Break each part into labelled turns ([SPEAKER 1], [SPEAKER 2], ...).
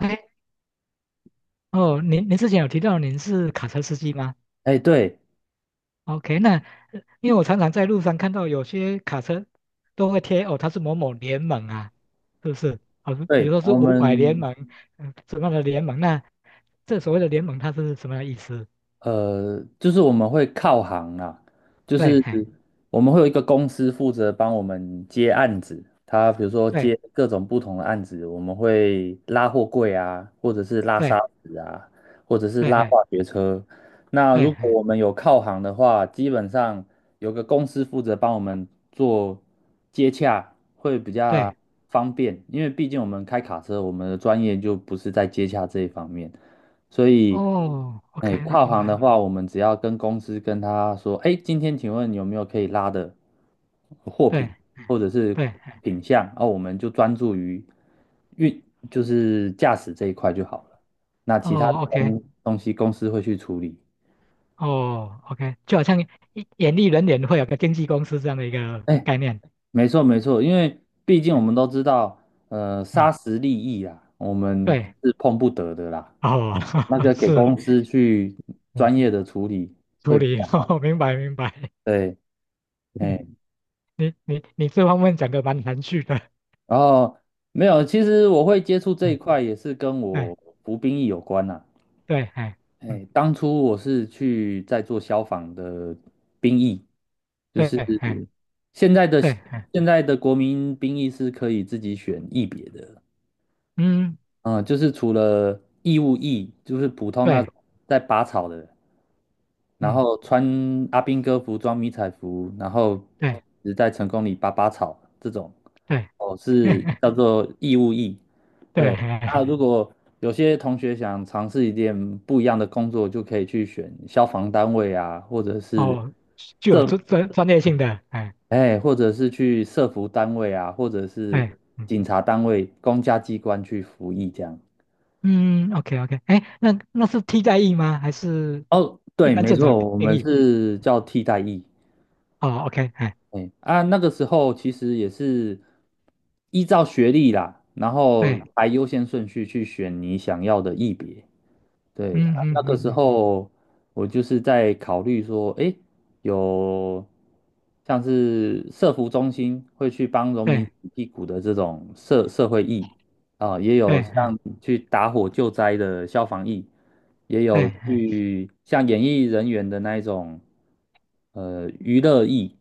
[SPEAKER 1] OK，哦，您之前有提到您是卡车司机吗
[SPEAKER 2] 哎，对
[SPEAKER 1] ？OK，那因为我常常在路上看到有些卡车都会贴哦，它是某某联盟啊，是不是？哦，比如
[SPEAKER 2] 对，
[SPEAKER 1] 说是
[SPEAKER 2] 我
[SPEAKER 1] 五百联
[SPEAKER 2] 们
[SPEAKER 1] 盟，什么样的联盟？那这所谓的联盟它是什么样的意思？
[SPEAKER 2] 就是我们会靠行啦，就
[SPEAKER 1] 对，
[SPEAKER 2] 是
[SPEAKER 1] 嘿，
[SPEAKER 2] 我们会有一个公司负责帮我们接案子，他比如说
[SPEAKER 1] 对，
[SPEAKER 2] 接各种不同的案子，我们会拉货柜啊，或者是拉沙
[SPEAKER 1] 对，
[SPEAKER 2] 子啊，或者是
[SPEAKER 1] 对，
[SPEAKER 2] 拉
[SPEAKER 1] 嘿，
[SPEAKER 2] 化学车。那
[SPEAKER 1] 对，
[SPEAKER 2] 如果
[SPEAKER 1] 嘿，
[SPEAKER 2] 我们有靠行的话，基本上有个公司负责帮我们做接洽，会比较
[SPEAKER 1] 对，
[SPEAKER 2] 方便，因为毕竟我们开卡车，我们的专业就不是在接洽这一方面。所以，
[SPEAKER 1] 哦
[SPEAKER 2] 哎，
[SPEAKER 1] ，OK，
[SPEAKER 2] 跨
[SPEAKER 1] 明
[SPEAKER 2] 行的
[SPEAKER 1] 白，
[SPEAKER 2] 话，我们只要跟公司跟他说，哎，今天请问有没有可以拉的货品
[SPEAKER 1] 对，
[SPEAKER 2] 或者是
[SPEAKER 1] 对，嘿
[SPEAKER 2] 品项，哦，我们就专注于运，就是驾驶这一块就好了。那其他
[SPEAKER 1] 哦
[SPEAKER 2] 的
[SPEAKER 1] ，OK，
[SPEAKER 2] 东西公司会去处理。
[SPEAKER 1] 哦，OK，就好像演艺人员会有个经纪公司这样的一个
[SPEAKER 2] 哎，
[SPEAKER 1] 概念，
[SPEAKER 2] 没错没错，因为毕竟我
[SPEAKER 1] 嗯
[SPEAKER 2] 们都知道，
[SPEAKER 1] 嗯
[SPEAKER 2] 砂石利益啊，我们
[SPEAKER 1] 对，
[SPEAKER 2] 是碰不得的啦。
[SPEAKER 1] 哦，
[SPEAKER 2] 那 个给
[SPEAKER 1] 是，
[SPEAKER 2] 公司去
[SPEAKER 1] 嗯，
[SPEAKER 2] 专业的处理
[SPEAKER 1] 处
[SPEAKER 2] 会比
[SPEAKER 1] 理，
[SPEAKER 2] 较
[SPEAKER 1] 哦，
[SPEAKER 2] 好。
[SPEAKER 1] 明白明白，
[SPEAKER 2] 对。哎。
[SPEAKER 1] 你这方面讲的蛮含蓄的，
[SPEAKER 2] 然后没有，其实我会接触这一
[SPEAKER 1] 嗯，
[SPEAKER 2] 块也是跟
[SPEAKER 1] 对
[SPEAKER 2] 我服兵役有关啦、
[SPEAKER 1] 对，哎，嗯，
[SPEAKER 2] 哎，当初我是去在做消防的兵役，就
[SPEAKER 1] 对，
[SPEAKER 2] 是
[SPEAKER 1] 哎，
[SPEAKER 2] 现在的
[SPEAKER 1] 对，哎，
[SPEAKER 2] 现在的国民兵役是可以自己选役别的，
[SPEAKER 1] 嗯，
[SPEAKER 2] 啊，就是除了义务役，就是普通那
[SPEAKER 1] 对，
[SPEAKER 2] 种在拔草的，然
[SPEAKER 1] 嗯，
[SPEAKER 2] 后穿阿兵哥服装、迷彩服，然后
[SPEAKER 1] 对
[SPEAKER 2] 只在成功里拔拔草这种，
[SPEAKER 1] 对，
[SPEAKER 2] 哦，是 叫做义务役。
[SPEAKER 1] 对，
[SPEAKER 2] 对，那如
[SPEAKER 1] 哎，
[SPEAKER 2] 果有些同学想尝试一点不一样的工作，就可以去选消防单位啊，或者是
[SPEAKER 1] 哦，具有
[SPEAKER 2] 社，
[SPEAKER 1] 专业性的，哎，
[SPEAKER 2] 哎，或者是去社服单位啊，或者是
[SPEAKER 1] 对，嗯
[SPEAKER 2] 警察单位、公家机关去服役这样。
[SPEAKER 1] 嗯，OK OK，哎，那是替代役吗？还是
[SPEAKER 2] 哦，
[SPEAKER 1] 一
[SPEAKER 2] 对，
[SPEAKER 1] 般
[SPEAKER 2] 没
[SPEAKER 1] 正
[SPEAKER 2] 错，
[SPEAKER 1] 常
[SPEAKER 2] 我
[SPEAKER 1] 定
[SPEAKER 2] 们
[SPEAKER 1] 义？
[SPEAKER 2] 是叫替代役。
[SPEAKER 1] 哦，OK，哎，
[SPEAKER 2] 哎啊，那个时候其实也是依照学历啦，然后
[SPEAKER 1] 对，
[SPEAKER 2] 排优先顺序去选你想要的艺别。对，啊
[SPEAKER 1] 嗯嗯
[SPEAKER 2] 那个
[SPEAKER 1] 嗯
[SPEAKER 2] 时
[SPEAKER 1] 嗯，
[SPEAKER 2] 候我就是在考虑说，哎，有像是社福中心会去帮农民
[SPEAKER 1] 对
[SPEAKER 2] 洗屁股的这种社会义啊，也
[SPEAKER 1] 对，
[SPEAKER 2] 有像
[SPEAKER 1] 哎，
[SPEAKER 2] 去打火救灾的消防义。也
[SPEAKER 1] 对，
[SPEAKER 2] 有
[SPEAKER 1] 哎，
[SPEAKER 2] 去像演艺人员的那一种，娱乐艺，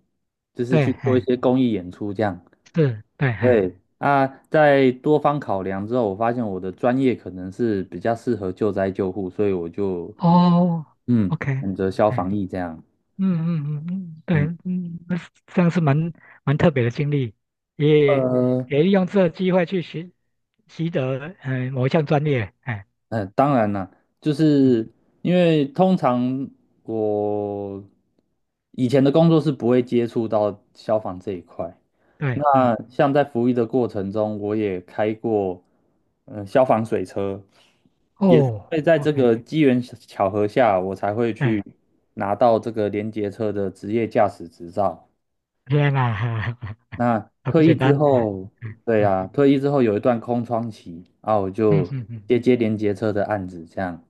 [SPEAKER 2] 就是
[SPEAKER 1] 对，
[SPEAKER 2] 去做一
[SPEAKER 1] 哎。
[SPEAKER 2] 些公益演出这样。
[SPEAKER 1] 是，对，哎，
[SPEAKER 2] 对啊，在多方考量之后，我发现我的专业可能是比较适合救灾救护，所以我就
[SPEAKER 1] 哦，OK，
[SPEAKER 2] 选择消
[SPEAKER 1] 哎，
[SPEAKER 2] 防役这样。
[SPEAKER 1] 嗯嗯嗯嗯，对，
[SPEAKER 2] 嗯，
[SPEAKER 1] 嗯，那是这样是蛮特别的经历，也
[SPEAKER 2] 呃，
[SPEAKER 1] 也利用这个机会去习得某一项专业，哎，
[SPEAKER 2] 当然啦，就
[SPEAKER 1] 嗯，
[SPEAKER 2] 是因为通常我以前的工作是不会接触到消防这一块。
[SPEAKER 1] 对，
[SPEAKER 2] 那
[SPEAKER 1] 嗯，
[SPEAKER 2] 像在服役的过程中，我也开过，消防水车，所
[SPEAKER 1] 哦
[SPEAKER 2] 以在这
[SPEAKER 1] ，OK，
[SPEAKER 2] 个机缘巧合下，我才会去
[SPEAKER 1] 对，
[SPEAKER 2] 拿到这个联结车的职业驾驶执照。
[SPEAKER 1] 天哪，
[SPEAKER 2] 那
[SPEAKER 1] 啊，不
[SPEAKER 2] 退役
[SPEAKER 1] 简
[SPEAKER 2] 之
[SPEAKER 1] 单，哎，
[SPEAKER 2] 后，对啊，退役之后有一段空窗期，啊，我
[SPEAKER 1] 嗯嗯
[SPEAKER 2] 就
[SPEAKER 1] 嗯嗯
[SPEAKER 2] 接连结车的案子，这样，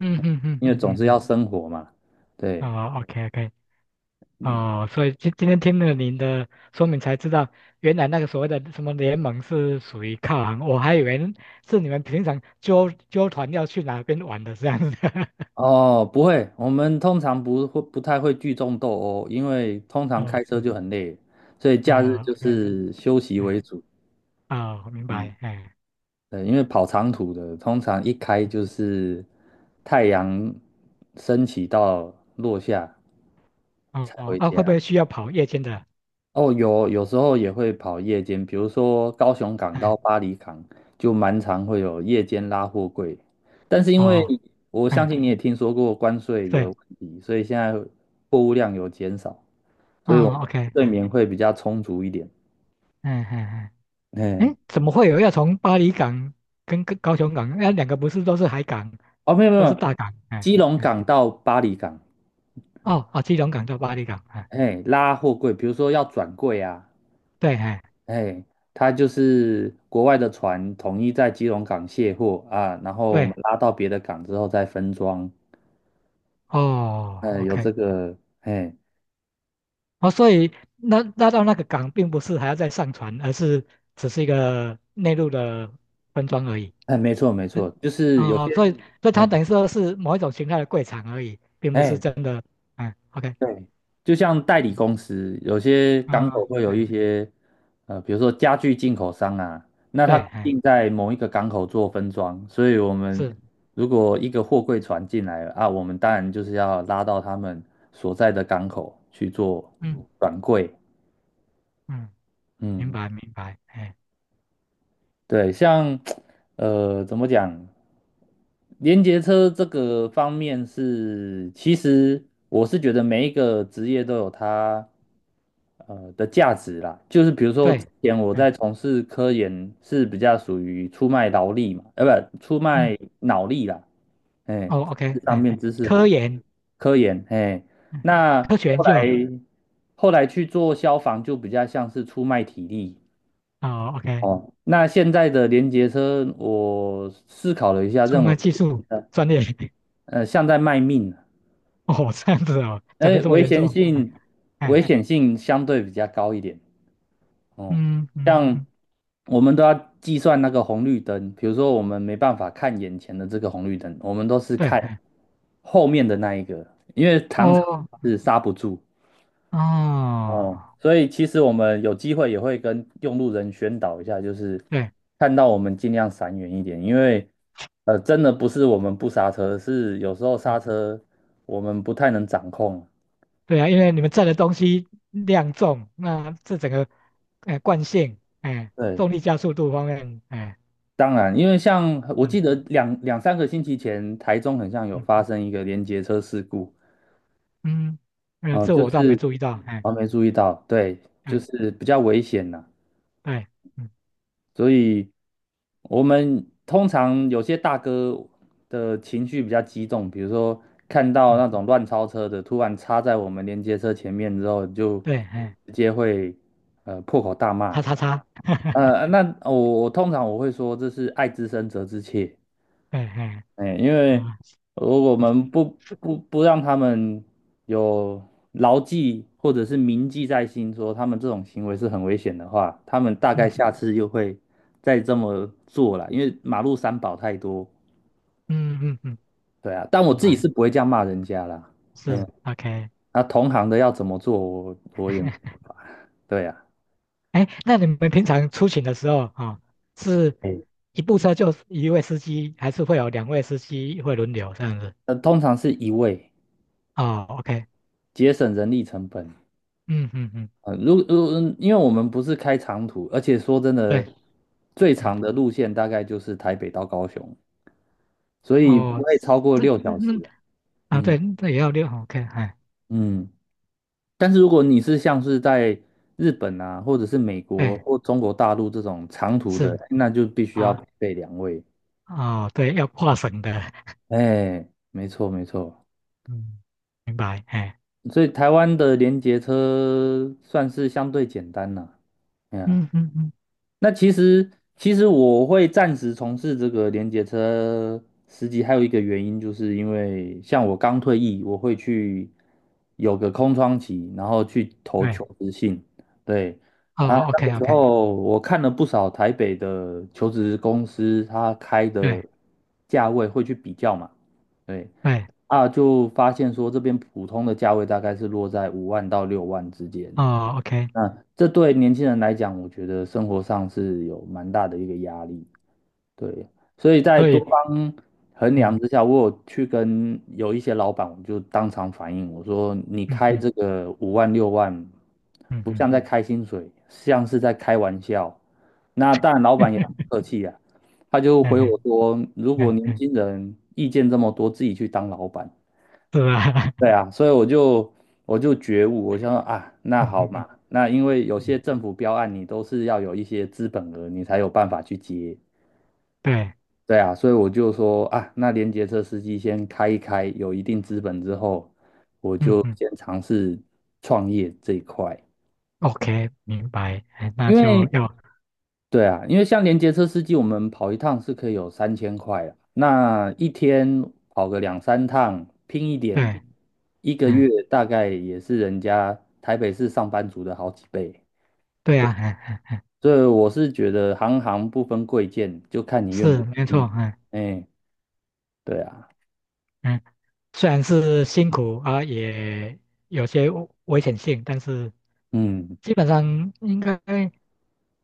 [SPEAKER 1] 嗯嗯嗯嗯
[SPEAKER 2] 因为
[SPEAKER 1] 嗯
[SPEAKER 2] 总
[SPEAKER 1] 嗯，
[SPEAKER 2] 是
[SPEAKER 1] 嗯
[SPEAKER 2] 要生活嘛，对。
[SPEAKER 1] 哦，OK OK，
[SPEAKER 2] 嗯。
[SPEAKER 1] 哦，所以今天听了您的说明才知道，原来那个所谓的什么联盟是属于靠行，我还以为是你们平常纠团要去哪边玩的这样子。
[SPEAKER 2] 哦，不会，我们通常不太会聚众斗殴，因为通常
[SPEAKER 1] 嗯，
[SPEAKER 2] 开车
[SPEAKER 1] 是，
[SPEAKER 2] 就很累，所以假日
[SPEAKER 1] 啊
[SPEAKER 2] 就
[SPEAKER 1] ，OK，
[SPEAKER 2] 是休息
[SPEAKER 1] 哎，
[SPEAKER 2] 为主。
[SPEAKER 1] 哦，我明
[SPEAKER 2] 嗯，
[SPEAKER 1] 白，哎，
[SPEAKER 2] 对，因为跑长途的，通常一开
[SPEAKER 1] 嗯
[SPEAKER 2] 就是太阳升起到落下
[SPEAKER 1] 哦，
[SPEAKER 2] 才
[SPEAKER 1] 哦
[SPEAKER 2] 回
[SPEAKER 1] 啊，会不会
[SPEAKER 2] 家。
[SPEAKER 1] 需要跑夜间的？
[SPEAKER 2] 哦，有时候也会跑夜间，比如说高雄港到
[SPEAKER 1] 哎，
[SPEAKER 2] 巴黎港，就蛮常会有夜间拉货柜。但是因为
[SPEAKER 1] 哦，
[SPEAKER 2] 我相
[SPEAKER 1] 哎，
[SPEAKER 2] 信你也听说过关税的
[SPEAKER 1] 对，
[SPEAKER 2] 问题，所以现在货物量有减少，所以我们
[SPEAKER 1] 哦，OK，
[SPEAKER 2] 睡眠会比较充足一点。
[SPEAKER 1] 嗯嗯嗯，
[SPEAKER 2] 嘿，
[SPEAKER 1] 哎，怎么会有要从巴黎港跟高雄港？那两个不是都是海港，
[SPEAKER 2] 哦，没有没
[SPEAKER 1] 都是
[SPEAKER 2] 有，
[SPEAKER 1] 大港，哎，
[SPEAKER 2] 基隆
[SPEAKER 1] 哎，
[SPEAKER 2] 港到巴黎港，
[SPEAKER 1] 哦，哦，基隆港到巴黎港，哎。
[SPEAKER 2] 嘿，拉货柜，比如说要转柜啊，
[SPEAKER 1] 对，哎，
[SPEAKER 2] 嘿，它就是国外的船统一在基隆港卸货啊，然后我们
[SPEAKER 1] 对，
[SPEAKER 2] 拉到别的港之后再分装。
[SPEAKER 1] 哦
[SPEAKER 2] 有
[SPEAKER 1] ，OK，
[SPEAKER 2] 这个，哎，
[SPEAKER 1] 哦，所以那到那个港并不是还要再上船，而是只是一个内陆的分装而已。
[SPEAKER 2] 哎，没错没
[SPEAKER 1] 嗯
[SPEAKER 2] 错，就是有些，
[SPEAKER 1] 哦，所以它
[SPEAKER 2] 哎
[SPEAKER 1] 等于说是某一种形态的柜场而已，并不是
[SPEAKER 2] 哎，
[SPEAKER 1] 真的。嗯，OK，
[SPEAKER 2] 对，就像代理公司，有些
[SPEAKER 1] 嗯，
[SPEAKER 2] 港口
[SPEAKER 1] 啊
[SPEAKER 2] 会有一
[SPEAKER 1] 哎，
[SPEAKER 2] 些，比如说家具进口商啊，那他
[SPEAKER 1] 对，哎，
[SPEAKER 2] 定在某一个港口做分装，所以我们
[SPEAKER 1] 是，
[SPEAKER 2] 如果一个货柜船进来了啊，我们当然就是要拉到他们所在的港口去做
[SPEAKER 1] 嗯
[SPEAKER 2] 转柜，
[SPEAKER 1] 嗯，明
[SPEAKER 2] 嗯，
[SPEAKER 1] 白明白，哎，
[SPEAKER 2] 对，像怎么讲，连接车这个方面是，其实我是觉得每一个职业都有它的价值啦。就是比如说之
[SPEAKER 1] 对，
[SPEAKER 2] 前我
[SPEAKER 1] 嗯
[SPEAKER 2] 在从事科研是比较属于出卖劳力嘛，不，出
[SPEAKER 1] 嗯，
[SPEAKER 2] 卖脑力啦，哎，
[SPEAKER 1] 哦
[SPEAKER 2] 知识
[SPEAKER 1] ，OK，
[SPEAKER 2] 上
[SPEAKER 1] 哎，
[SPEAKER 2] 面知识
[SPEAKER 1] 科
[SPEAKER 2] 活。
[SPEAKER 1] 研，
[SPEAKER 2] 科研，嘿，
[SPEAKER 1] 嗯
[SPEAKER 2] 那
[SPEAKER 1] 科学研
[SPEAKER 2] 后
[SPEAKER 1] 究，
[SPEAKER 2] 来后来去做消防就比较像是出卖体力，
[SPEAKER 1] 哦，OK，
[SPEAKER 2] 哦，那现在的连接车，我思考了一下，
[SPEAKER 1] 出
[SPEAKER 2] 认为，
[SPEAKER 1] 卖技术
[SPEAKER 2] 呃，
[SPEAKER 1] 专业。
[SPEAKER 2] 像在卖命啊，
[SPEAKER 1] 哦，这样子哦，讲
[SPEAKER 2] 哎，
[SPEAKER 1] 的这么
[SPEAKER 2] 危
[SPEAKER 1] 严
[SPEAKER 2] 险
[SPEAKER 1] 重，哎，
[SPEAKER 2] 性，危
[SPEAKER 1] 哎，
[SPEAKER 2] 险性相对比较高一点。哦，
[SPEAKER 1] 嗯嗯
[SPEAKER 2] 像
[SPEAKER 1] 嗯，
[SPEAKER 2] 我们都要计算那个红绿灯，比如说我们没办法看眼前的这个红绿灯，我们都是
[SPEAKER 1] 对，
[SPEAKER 2] 看
[SPEAKER 1] 哎
[SPEAKER 2] 后面的那一个，因为常常
[SPEAKER 1] 哦
[SPEAKER 2] 是刹不住。
[SPEAKER 1] 哦，
[SPEAKER 2] 嗯，所以其实我们有机会也会跟用路人宣导一下，就是
[SPEAKER 1] 对
[SPEAKER 2] 看到我们尽量闪远一点，因为真的不是我们不刹车，是有时候刹
[SPEAKER 1] 嗯
[SPEAKER 2] 车我们不太能掌控。
[SPEAKER 1] 对啊，因为你们载的东西量重，那这整个哎惯性，哎，
[SPEAKER 2] 对，
[SPEAKER 1] 重力加速度方面，哎，
[SPEAKER 2] 当然，因为像我
[SPEAKER 1] 嗯
[SPEAKER 2] 记得两三个星期前，台中很像有
[SPEAKER 1] 嗯
[SPEAKER 2] 发生一个连结车事故，
[SPEAKER 1] 嗯，
[SPEAKER 2] 哦，
[SPEAKER 1] 这
[SPEAKER 2] 就
[SPEAKER 1] 我倒没
[SPEAKER 2] 是
[SPEAKER 1] 注意到，哎，
[SPEAKER 2] 我没注意到，对，就
[SPEAKER 1] 对
[SPEAKER 2] 是比较危险呐、
[SPEAKER 1] 对，嗯
[SPEAKER 2] 所以我们通常有些大哥的情绪比较激动，比如说看到
[SPEAKER 1] 嗯，
[SPEAKER 2] 那种乱超车的突然插在我们连接车前面之后，就
[SPEAKER 1] 对，哎，
[SPEAKER 2] 直接会破口大骂。
[SPEAKER 1] 叉叉叉，
[SPEAKER 2] 那我通常我会说这是爱之深责之切，
[SPEAKER 1] 对，哎，
[SPEAKER 2] 哎，因为
[SPEAKER 1] 啊，
[SPEAKER 2] 如果我们不
[SPEAKER 1] 是，
[SPEAKER 2] 不不让他们有牢记或者是铭记在心，说他们这种行为是很危险的话，他们大概
[SPEAKER 1] 嗯
[SPEAKER 2] 下
[SPEAKER 1] 嗯
[SPEAKER 2] 次又会再这么做了。因为马路三宝太多，
[SPEAKER 1] 嗯嗯嗯，
[SPEAKER 2] 对啊，但我
[SPEAKER 1] 明
[SPEAKER 2] 自己
[SPEAKER 1] 白，
[SPEAKER 2] 是不会这样骂人家啦。嗯，
[SPEAKER 1] 是，OK。
[SPEAKER 2] 那同行的要怎么做，我也没办法。对啊，
[SPEAKER 1] 哎，那你们平常出行的时候啊，哦是
[SPEAKER 2] 哎，
[SPEAKER 1] 一部车就一位司机，还是会有两位司机会轮流这样子？
[SPEAKER 2] 那通常是一位
[SPEAKER 1] 哦，OK，
[SPEAKER 2] 节省人力成本，
[SPEAKER 1] 嗯嗯嗯，
[SPEAKER 2] 呃，如如，因为我们不是开长途，而且说真
[SPEAKER 1] 对，
[SPEAKER 2] 的，最
[SPEAKER 1] 哎，
[SPEAKER 2] 长的路线大概就是台北到高雄，所以不
[SPEAKER 1] 哦，
[SPEAKER 2] 会超过
[SPEAKER 1] 这
[SPEAKER 2] 六
[SPEAKER 1] 那
[SPEAKER 2] 小时
[SPEAKER 1] 那
[SPEAKER 2] 啊。
[SPEAKER 1] 啊，
[SPEAKER 2] 嗯
[SPEAKER 1] 对，那也要六，OK，哎，
[SPEAKER 2] 嗯，但是如果你是像是在日本啊，或者是美国
[SPEAKER 1] 对，
[SPEAKER 2] 或中国大陆这种长途的，
[SPEAKER 1] 是
[SPEAKER 2] 那就必须要
[SPEAKER 1] 啊，
[SPEAKER 2] 配备两位。
[SPEAKER 1] 哦，对，要跨省的，
[SPEAKER 2] 哎，没错没错，
[SPEAKER 1] 嗯，明白，哎，
[SPEAKER 2] 所以台湾的联结车算是相对简单啦。哎呀
[SPEAKER 1] 嗯嗯嗯，
[SPEAKER 2] 那其实我会暂时从事这个联结车司机，还有一个原因，就是因为像我刚退役，我会去有个空窗期，然后去投求
[SPEAKER 1] 对，
[SPEAKER 2] 职信。对啊，
[SPEAKER 1] 哦
[SPEAKER 2] 那
[SPEAKER 1] ，OK
[SPEAKER 2] 个时
[SPEAKER 1] OK，
[SPEAKER 2] 候我看了不少台北的求职公司，他开的
[SPEAKER 1] 对
[SPEAKER 2] 价位会去比较嘛。对
[SPEAKER 1] 对，
[SPEAKER 2] 啊，就发现说这边普通的价位大概是落在5万到6万之间。
[SPEAKER 1] 哦，OK，
[SPEAKER 2] 那这对年轻人来讲，我觉得生活上是有蛮大的一个压力。对，所以在
[SPEAKER 1] 所
[SPEAKER 2] 多
[SPEAKER 1] 以，
[SPEAKER 2] 方衡量
[SPEAKER 1] 嗯
[SPEAKER 2] 之下，我有去跟有一些老板，我就当场反映，我说你
[SPEAKER 1] 嗯
[SPEAKER 2] 开
[SPEAKER 1] 嗯
[SPEAKER 2] 这个5万6万，
[SPEAKER 1] 嗯
[SPEAKER 2] 不
[SPEAKER 1] 嗯，
[SPEAKER 2] 像在开薪水，像是在开玩笑。那当然，老 板也很
[SPEAKER 1] 嗯
[SPEAKER 2] 客气啊，他就回我
[SPEAKER 1] 嗯
[SPEAKER 2] 说，如果
[SPEAKER 1] 嗯
[SPEAKER 2] 年
[SPEAKER 1] 嗯，
[SPEAKER 2] 轻人意见这么多，自己去当老板。
[SPEAKER 1] 是吧？
[SPEAKER 2] 对啊，所以我就觉悟，我想说啊，那
[SPEAKER 1] 嗯
[SPEAKER 2] 好
[SPEAKER 1] 嗯嗯
[SPEAKER 2] 嘛，那因为有些
[SPEAKER 1] 嗯，
[SPEAKER 2] 政府标案你都是要有一些资本额，你才有办法去接。
[SPEAKER 1] 对，
[SPEAKER 2] 对啊，所以我就说啊，那联结车司机先开一开，有一定资本之后，我
[SPEAKER 1] 嗯
[SPEAKER 2] 就
[SPEAKER 1] 嗯
[SPEAKER 2] 先尝试创业这一块，
[SPEAKER 1] ，OK，明白，哎，那
[SPEAKER 2] 因为
[SPEAKER 1] 就要
[SPEAKER 2] 对啊，因为像连接车司机，我们跑一趟是可以有3000块啊。那一天跑个两三趟，拼一点，
[SPEAKER 1] 对，
[SPEAKER 2] 一个
[SPEAKER 1] 嗯，
[SPEAKER 2] 月大概也是人家台北市上班族的好几倍。
[SPEAKER 1] 对
[SPEAKER 2] 对，
[SPEAKER 1] 啊，嗯嗯，
[SPEAKER 2] 所以我是觉得行行不分贵贱，就看你愿
[SPEAKER 1] 是
[SPEAKER 2] 不
[SPEAKER 1] 没
[SPEAKER 2] 愿意。
[SPEAKER 1] 错，嗯
[SPEAKER 2] 哎，对啊，
[SPEAKER 1] 嗯，虽然是辛苦啊，也有些危险性，但是
[SPEAKER 2] 嗯。
[SPEAKER 1] 基本上应该，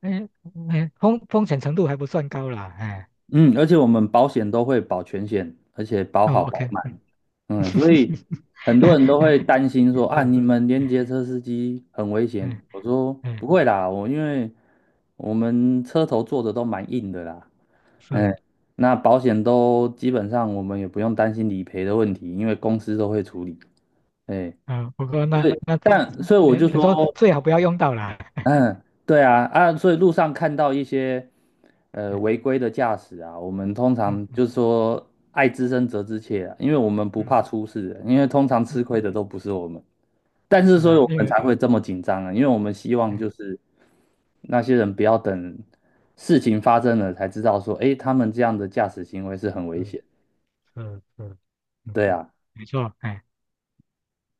[SPEAKER 1] 嗯嗯，风险程度还不算高啦，哎，
[SPEAKER 2] 嗯，而且我们保险都会保全险，而且保好
[SPEAKER 1] 哦
[SPEAKER 2] 保
[SPEAKER 1] ，OK，
[SPEAKER 2] 满，
[SPEAKER 1] 嗯，
[SPEAKER 2] 嗯，所以 很多人都会担心说啊，
[SPEAKER 1] 是，
[SPEAKER 2] 你们连接车司机很危险。
[SPEAKER 1] 嗯
[SPEAKER 2] 我说
[SPEAKER 1] 嗯
[SPEAKER 2] 不会啦，我因为我们车头做的都蛮硬的啦，
[SPEAKER 1] 是，
[SPEAKER 2] 哎，那保险都基本上我们也不用担心理赔的问题，因为公司都会处理，哎，
[SPEAKER 1] 嗯，不过那
[SPEAKER 2] 对，
[SPEAKER 1] 那，
[SPEAKER 2] 但所以我
[SPEAKER 1] 你
[SPEAKER 2] 就
[SPEAKER 1] 你
[SPEAKER 2] 说。
[SPEAKER 1] 说最好不要用到啦，
[SPEAKER 2] 嗯，对啊，啊，所以路上看到一些违
[SPEAKER 1] 哎
[SPEAKER 2] 规的驾驶啊，我们通
[SPEAKER 1] 嗯
[SPEAKER 2] 常
[SPEAKER 1] 嗯
[SPEAKER 2] 就是说爱之深责之切啊，因为我们不
[SPEAKER 1] 嗯
[SPEAKER 2] 怕出事，因为通常吃
[SPEAKER 1] 嗯
[SPEAKER 2] 亏
[SPEAKER 1] 嗯
[SPEAKER 2] 的都不是我们，但
[SPEAKER 1] 嗯，
[SPEAKER 2] 是
[SPEAKER 1] 是
[SPEAKER 2] 所以
[SPEAKER 1] 啊，
[SPEAKER 2] 我
[SPEAKER 1] 因
[SPEAKER 2] 们
[SPEAKER 1] 为。
[SPEAKER 2] 才会这么紧张啊，因为我们希望就
[SPEAKER 1] 嗯
[SPEAKER 2] 是那些人不要等事情发生了才知道说，诶，他们这样的驾驶行为是很危
[SPEAKER 1] 嗯
[SPEAKER 2] 险，
[SPEAKER 1] 嗯嗯嗯，
[SPEAKER 2] 对啊。
[SPEAKER 1] 没错，哎，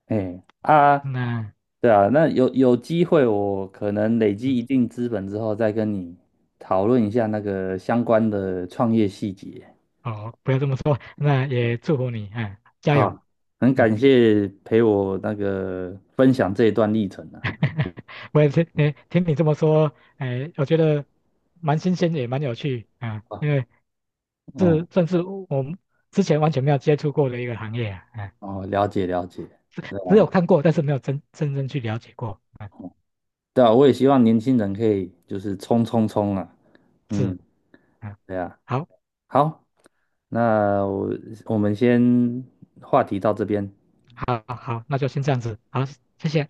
[SPEAKER 2] 哎啊，
[SPEAKER 1] 那
[SPEAKER 2] 对啊，那有机会，我可能累积
[SPEAKER 1] 嗯，
[SPEAKER 2] 一定资本之后，再跟你讨论一下那个相关的创业细节。
[SPEAKER 1] 好，不要这么说，那也祝福你，哎，加油，
[SPEAKER 2] 好，很
[SPEAKER 1] 嗯，
[SPEAKER 2] 感谢陪我那个分享这一段历程啊。
[SPEAKER 1] 我也是，哎，听你这么说，哎，我觉得蛮新鲜，也蛮有趣，啊，
[SPEAKER 2] 啊
[SPEAKER 1] 因为
[SPEAKER 2] 嗯，
[SPEAKER 1] 这算是我们之前完全没有接触过的一个行业啊，哎，
[SPEAKER 2] 哦，了解了解。
[SPEAKER 1] 只有看过，但是没有真正去了解过，啊，
[SPEAKER 2] 对啊，我也希望年轻人可以就是冲冲冲啊。
[SPEAKER 1] 是，
[SPEAKER 2] 嗯，
[SPEAKER 1] 啊，
[SPEAKER 2] 对啊。
[SPEAKER 1] 好，
[SPEAKER 2] 好，那我们先话题到这边。
[SPEAKER 1] 好，好，那就先这样子，好，谢谢。